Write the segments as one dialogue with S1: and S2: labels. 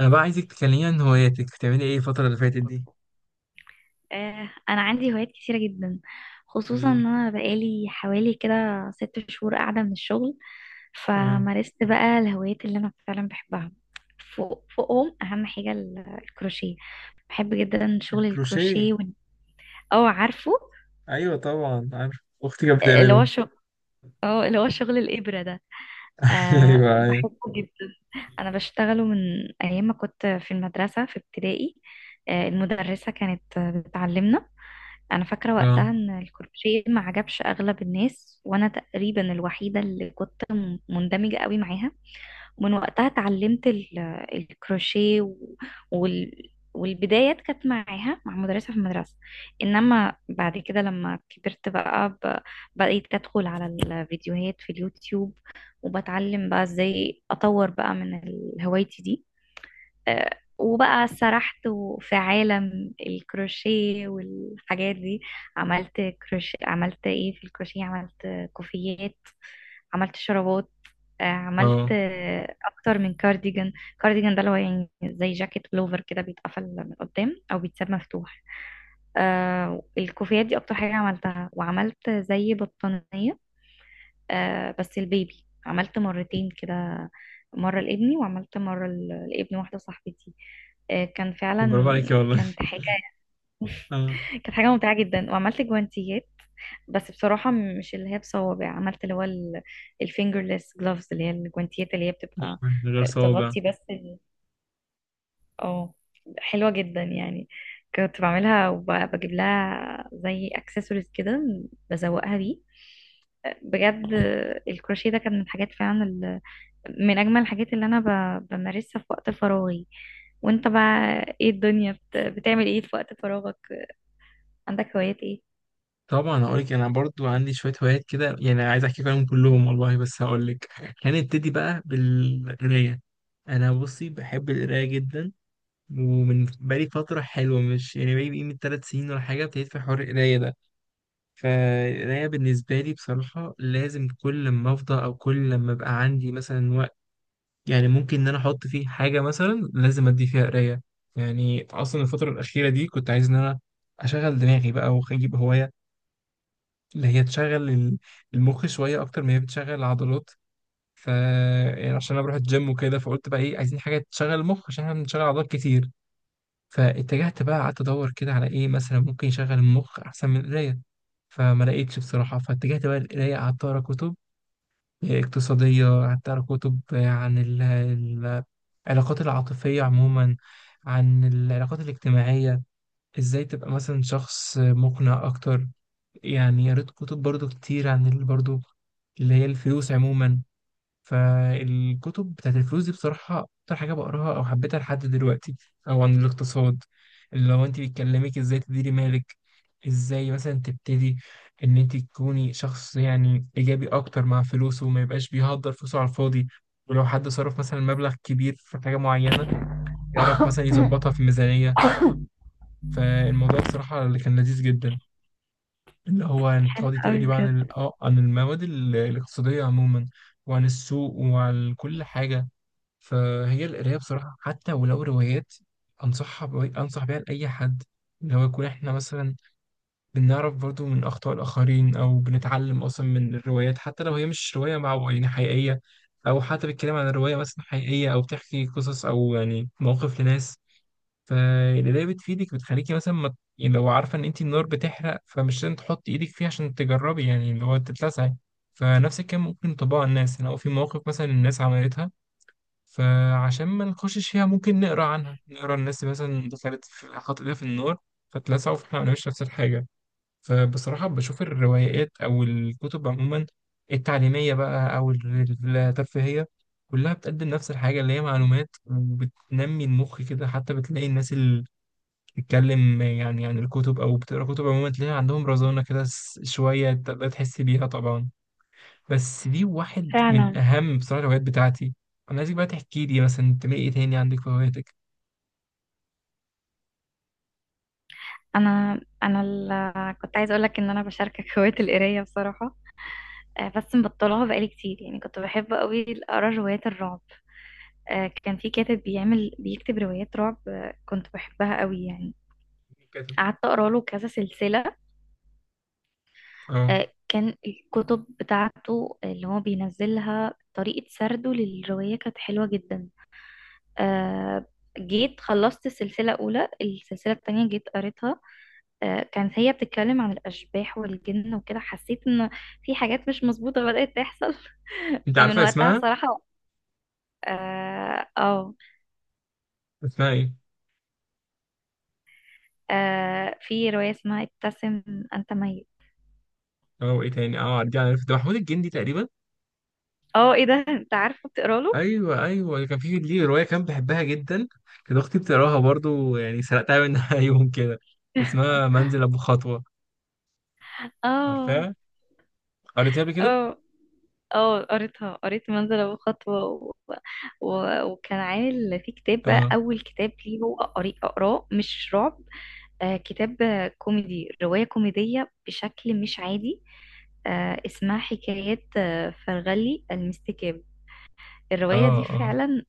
S1: انا بقى عايزك تكلميني عن هواياتك، بتعملي ايه الفترة اللي فاتت دي؟
S2: انا عندي هوايات كتيره جدا،
S1: قولي
S2: خصوصا
S1: لي.
S2: ان انا بقالي حوالي كده ست شهور قاعده من الشغل.
S1: اه،
S2: فمارست بقى الهوايات اللي انا فعلا بحبها. فوقهم اهم حاجه الكروشيه. بحب جدا شغل
S1: الكروشيه.
S2: الكروشيه اه عارفه
S1: ايوه طبعا عارف. اختي كانت
S2: اللي هو
S1: بتعمله.
S2: شغل. اه اللي هو شغل الابره ده. أه
S1: ايوه، ايوه.
S2: بحبه جدا. انا بشتغله من ايام ما كنت في المدرسه في ابتدائي. أه المدرسه كانت بتعلمنا. انا فاكره
S1: اه،
S2: وقتها ان الكروشيه ما عجبش اغلب الناس، وانا تقريبا الوحيده اللي كنت مندمجه قوي معاها. ومن وقتها اتعلمت الكروشيه والبدايات كانت معاها مع مدرسة في المدرسة. إنما بعد كده لما كبرت بقى بقيت أدخل على الفيديوهات في اليوتيوب، وبتعلم بقى إزاي أطور بقى من هوايتي دي. آه، وبقى سرحت في عالم الكروشيه والحاجات دي. عملت كروشيه، عملت ايه في الكروشيه، عملت كوفيات، عملت شرابات، عملت
S1: اه.
S2: اكتر من كارديجان. كارديجان ده اللي هو يعني زي جاكيت بلوفر كده، بيتقفل من قدام او بيتساب مفتوح. آه، الكوفيات دي اكتر حاجة عملتها، وعملت زي بطانية. آه، بس البيبي عملت مرتين كده، مرة لابني وعملت مرة لابن واحدة صاحبتي. آه كان فعلا
S1: برافو عليكي والله.
S2: كانت حاجة.
S1: اه.
S2: كانت حاجة ممتعة جدا. وعملت جوانتيات، بس بصراحة مش اللي هي بصوابع، عملت اللي هو الفينجرلس جلوفز، اللي هي الجوانتيات اللي هي
S1: آه،
S2: بتبقى
S1: من غير
S2: آه،
S1: صوابع.
S2: تغطي بس اه، حلوة جدا يعني. كنت بعملها وبجيب لها زي اكسسوارز كده، بزوقها بيه. آه، بجد الكروشيه ده كان من الحاجات فعلا، من أجمل الحاجات اللي أنا بمارسها في وقت فراغي. وأنت بقى إيه، بتعمل إيه في وقت فراغك؟ عندك هوايات إيه؟
S1: طبعا هقول لك، انا برضو عندي شويه هوايات كده، يعني عايز احكي عنهم كلهم والله، بس هقول لك. هنبتدي بقى بالقرايه. انا بصي بحب القرايه جدا. ومن بقالي فتره حلوه، مش يعني بقالي من 3 سنين ولا حاجه، ابتديت في حوار القرايه ده. فالقراية بالنسبة لي بصراحة لازم كل ما أفضى، أو كل لما أبقى عندي مثلا وقت، يعني ممكن إن أنا أحط فيه حاجة مثلا، لازم أدي فيها قراية. يعني أصلا الفترة الأخيرة دي كنت عايز إن أنا أشغل دماغي بقى وأجيب هواية اللي هي تشغل المخ شوية أكتر ما هي بتشغل العضلات. ف يعني عشان أنا بروح الجيم وكده، فقلت بقى إيه، عايزين حاجة تشغل المخ عشان إحنا بنشغل عضلات كتير. فاتجهت بقى، قعدت ادور كده على ايه مثلا ممكن يشغل المخ احسن من القرايه. فما لقيتش بصراحه، فاتجهت بقى للقرايه، قعدت اقرا كتب اقتصاديه، قعدت اقرا كتب عن العلاقات العاطفيه عموما، عن العلاقات الاجتماعيه، ازاي تبقى مثلا شخص مقنع اكتر. يعني قريت كتب برضو كتير عن برضو اللي هي الفلوس عموما. فالكتب بتاعت الفلوس دي بصراحة أكتر حاجة بقراها أو حبيتها لحد دلوقتي، أو عن الاقتصاد، اللي هو أنت بيكلمك إزاي تديري مالك، إزاي مثلا تبتدي إن أنت تكوني شخص يعني إيجابي أكتر مع فلوسه وما يبقاش بيهدر فلوسه على الفاضي. ولو حد صرف مثلا مبلغ كبير في حاجة معينة، يعرف مثلا يظبطها في ميزانية. فالموضوع بصراحة اللي كان لذيذ جدا اللي هو إن تقعدي
S2: أوي
S1: تقري بقى
S2: بجد.
S1: عن عن المواد الاقتصادية عموما، وعن السوق وعن كل حاجة. فهي القراية بصراحة حتى ولو روايات أنصح بيها لأي حد، إن هو يكون إحنا مثلا بنعرف برضو من أخطاء الآخرين، أو بنتعلم أصلا من الروايات حتى لو هي مش رواية مع يعني حقيقية، أو حتى بتتكلم عن رواية مثلا حقيقية أو بتحكي قصص أو يعني مواقف لناس. فالقراية بتفيدك، بتخليكي مثلا ما... يعني لو عارفة إن أنت النار بتحرق، فمش لازم تحطي إيدك فيها عشان تجربي، يعني اللي هو تتلسعي. فنفس الكلام ممكن طباع الناس يعني، أو في مواقف مثلا الناس عملتها، فعشان ما نخشش فيها ممكن نقرا عنها، نقرا الناس مثلا دخلت في، حاطت ايدها في النار فاتلسعوا، فاحنا ما نعملش نفس الحاجه. فبصراحه بشوف الروايات او الكتب عموما، التعليميه بقى او الترفيهيه، كلها بتقدم نفس الحاجه اللي هي معلومات، وبتنمي المخ كده. حتى بتلاقي الناس اللي بتتكلم يعني عن الكتب او بتقرا كتب عموما، تلاقي عندهم رزانه كده شويه تقدر تحس بيها طبعا. بس دي واحد من
S2: فعلا
S1: اهم بصراحه الهوايات بتاعتي. انا عايزك بقى تحكي لي مثلا انت ايه تاني عندك في هواياتك؟
S2: أنا كنت عايزة أقولك إن أنا بشاركك هواية القراية بصراحة. آه، بس مبطلها بقالي كتير. يعني كنت بحب قوي اقرا روايات الرعب. آه، كان في كاتب بيكتب روايات رعب، آه، كنت بحبها قوي يعني.
S1: مين كاتب؟
S2: قعدت اقرا له كذا سلسله.
S1: اه،
S2: آه، كان الكتب بتاعته اللي هو بينزلها، طريقة سرده للرواية كانت حلوة جدا. آه، جيت خلصت السلسلة الأولى، السلسلة التانية جيت قريتها. آه، كانت هي بتتكلم عن الأشباح والجن وكده، حسيت إن في حاجات مش مظبوطة بدأت تحصل.
S1: انت
S2: فمن
S1: عارفها،
S2: وقتها
S1: اسمها؟
S2: بصراحة. اه. آه،
S1: اسمها ايه؟
S2: آه، في رواية اسمها ابتسم أنت ميت.
S1: اه. ايه تاني؟ اه، دي عارف ده محمود الجندي تقريبا.
S2: اه ايه ده انت عارفه بتقرا له.
S1: ايوه، ايوه، كان في ليه روايه كان بحبها جدا. كانت اختي بتقراها برضو، يعني سرقتها منها يوم كده. اسمها منزل ابو خطوه.
S2: اه،
S1: عارفاها؟ قريتها قبل كده.
S2: اه. اه قريتها، قريت منزل ابو خطوه وكان عامل في كتاب بقى،
S1: اه،
S2: اول كتاب ليه هو اقراه مش رعب. آه كتاب كوميدي، روايه كوميديه بشكل مش عادي، آه اسمها حكايات آه فرغلي المستكاب. الروايه
S1: اه،
S2: دي
S1: اه.
S2: فعلا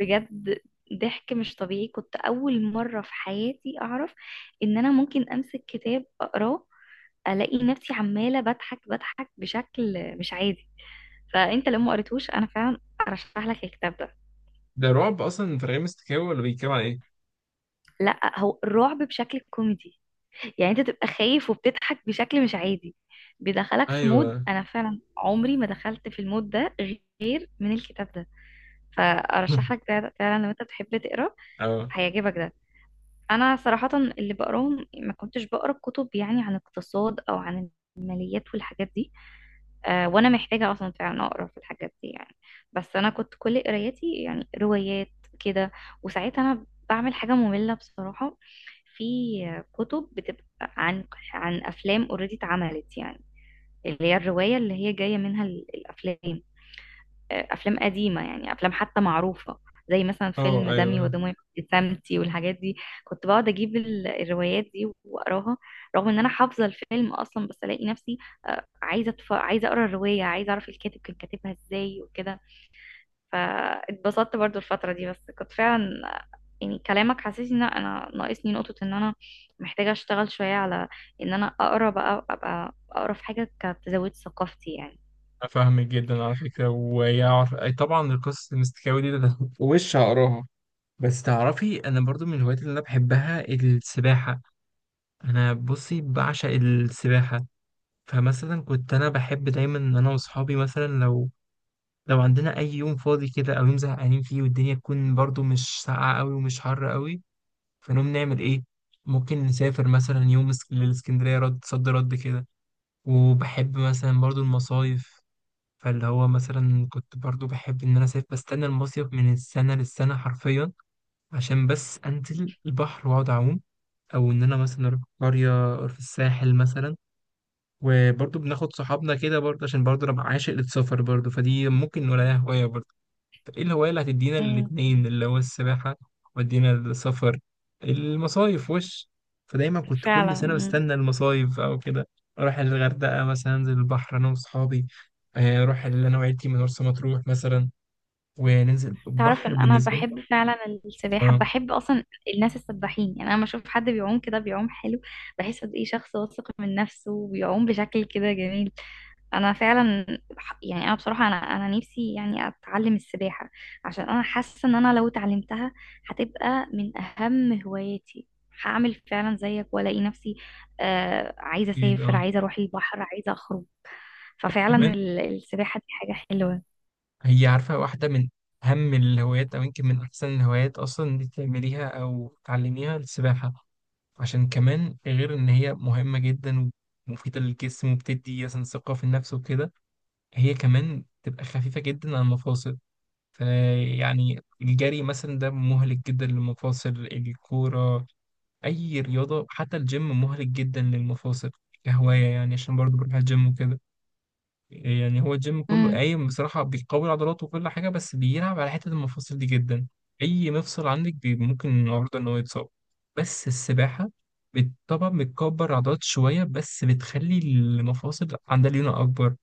S2: بجد ضحك مش طبيعي. كنت اول مره في حياتي اعرف ان انا ممكن امسك كتاب اقراه، الاقي نفسي عماله بضحك بضحك بشكل مش عادي. فانت لو ما قريتوش انا فعلا ارشح لك الكتاب ده.
S1: ده رعب اصلا في رغم استكاوي، ولا بيتكلم عن ايه؟
S2: لا، هو الرعب بشكل كوميدي، يعني انت تبقى خايف وبتضحك بشكل مش عادي. بيدخلك في مود
S1: ايوه.
S2: انا فعلا عمري ما دخلت في المود ده غير من الكتاب ده. فارشح لك ده فعلا لو انت بتحب تقرا،
S1: اه،
S2: هيعجبك ده. انا صراحة اللي بقراهم، ما كنتش بقرا كتب يعني عن اقتصاد او عن الماليات والحاجات دي. آه، وانا محتاجه اصلا فعلا اقرا في الحاجات دي يعني. بس انا كنت كل قرايتي يعني روايات كده. وساعتها انا بعمل حاجه ممله بصراحه، في كتب بتبقى عن، عن افلام اوريدي اتعملت، يعني اللي هي الروايه اللي هي جايه منها الافلام. افلام قديمه، يعني افلام حتى معروفه، زي مثلا
S1: اه،
S2: فيلم دمي
S1: ايوه.
S2: ودموعي وابتسامتي والحاجات دي. كنت بقعد اجيب الروايات دي واقراها، رغم ان انا حافظه الفيلم اصلا. بس الاقي نفسي آه، عايزه اقرا الروايه، عايزه اعرف الكاتب كان كاتبها ازاي وكده. فاتبسطت برضو الفتره دي. بس كنت فعلا، يعني كلامك حسسني ان انا ناقصني نقطه، ان انا محتاجه اشتغل شويه على ان انا اقرا بقى ابقى اقرا في حاجه كانت تزود ثقافتي يعني.
S1: أنا فاهمك جدا على فكرة، ويعرف أي طبعا القصص المستكاوي دي ده وش هقراها. بس تعرفي أنا برضو من الهوايات اللي أنا بحبها السباحة. أنا بصي بعشق السباحة. فمثلا كنت أنا بحب دايما إن أنا وأصحابي مثلا، لو عندنا أي يوم فاضي كده أو يوم زهقانين فيه، والدنيا تكون برضو مش ساقعة أوي ومش حر أوي، فنقوم نعمل إيه؟ ممكن نسافر مثلا يوم للإسكندرية، رد صد رد كده. وبحب مثلا برضو المصايف. فاللي هو مثلا كنت برضو بحب ان انا سايب بستنى المصيف من السنه للسنه حرفيا، عشان بس انزل البحر واقعد اعوم. او ان انا مثلا اروح قريه أو في الساحل مثلا. وبرضو بناخد صحابنا كده برضو، عشان برضو انا عاشق للسفر برضو، فدي ممكن نقولها هوايه برضو. طب ايه الهواية اللي هتدينا
S2: مم،
S1: الاتنين، اللي هو السباحة ودينا السفر المصايف وش. فدايما كنت كل سنة
S2: فعلا.
S1: بستنى المصايف أو كده. أروح الغردقة مثلا أنزل البحر أنا وأصحابي. أروح اللي أنا وعيلتي من مرسى مطروح مثلا وننزل
S2: تعرف
S1: البحر
S2: ان انا
S1: بالنسبة لي.
S2: بحب فعلا السباحة،
S1: أه،
S2: بحب اصلا الناس السباحين. يعني انا لما اشوف حد بيعوم كده بيعوم حلو، بحس قد ايه شخص واثق من نفسه وبيعوم بشكل كده جميل. انا فعلا يعني انا بصراحة انا نفسي يعني اتعلم السباحة، عشان انا حاسة ان انا لو اتعلمتها هتبقى من اهم هواياتي. هعمل فعلا زيك والاقي نفسي آه عايزة
S1: أكيد،
S2: اسافر،
S1: أه.
S2: عايزة اروح البحر، عايزة اخرج. ففعلا
S1: كمان
S2: السباحة دي حاجة حلوة.
S1: هي عارفة واحدة من أهم الهوايات، أو يمكن من أحسن الهوايات أصلا إن أنت تعمليها أو تعلميها، السباحة. عشان كمان غير إن هي مهمة جدا ومفيدة للجسم وبتدي مثلا ثقة في النفس وكده، هي كمان تبقى خفيفة جدا على المفاصل. فيعني الجري مثلا ده مهلك جدا للمفاصل، الكورة أي رياضة حتى الجيم مهلك جدا للمفاصل. كهواية يعني، عشان برضو بروح الجيم وكده، يعني هو الجيم كله
S2: امم.
S1: قايم بصراحة بيقوي عضلاته وكل حاجة، بس بيلعب على حتة المفاصل دي جدا. أي مفصل عندك ممكن النهاردة إن هو يتصاب. بس السباحة طبعا بتكبر عضلات شوية، بس بتخلي المفاصل عندها ليونة أكبر،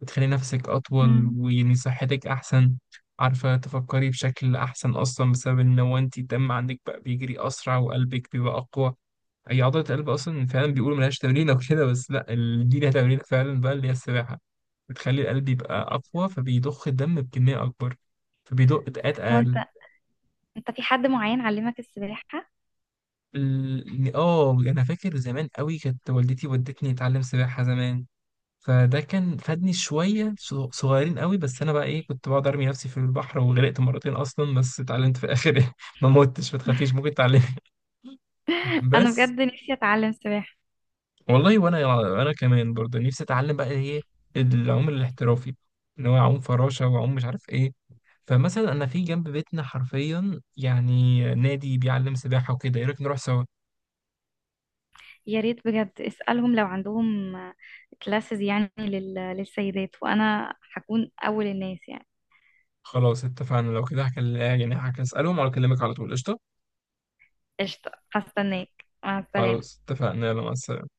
S1: بتخلي نفسك أطول ويعني صحتك أحسن. عارفة تفكري بشكل أحسن أصلا، بسبب إن هو أنت الدم عندك بقى بيجري أسرع وقلبك بيبقى أقوى. هي عضلة القلب أصلا فعلا بيقولوا ملهاش تمرين أو كده، بس لأ دي لها تمرين فعلا بقى اللي هي السباحة. بتخلي القلب يبقى أقوى فبيضخ الدم بكمية أكبر، فبيدق دقات
S2: هو
S1: أقل.
S2: انت انت في حد معين علمك السباحة؟
S1: أنا فاكر زمان قوي كانت والدتي ودتني أتعلم سباحة زمان، فده كان فادني شوية صغيرين قوي. بس أنا بقى إيه، كنت بقعد أرمي نفسي في البحر وغرقت مرتين أصلا، بس اتعلمت في الآخر. ما متش، ما تخافيش، ممكن تتعلمي.
S2: انا
S1: بس.
S2: بجد نفسي اتعلم سباحة.
S1: والله وانا كمان برضه نفسي اتعلم بقى ايه، العوم الاحترافي، اللي هو اعوم فراشه واعوم مش عارف ايه. فمثلا انا في جنب بيتنا حرفيا يعني نادي بيعلم سباحه وكده، ايه رايك نروح سوا؟
S2: يا ريت بجد اسألهم لو عندهم كلاسز يعني للسيدات، وانا هكون اول الناس يعني.
S1: خلاص اتفقنا، لو كده هكلم يعني هسالهم ولا اكلمك على طول، قشطه.
S2: قشطة، هستناك. مع السلامة.
S1: خلاص اتفقنا، يلا مع السلامة.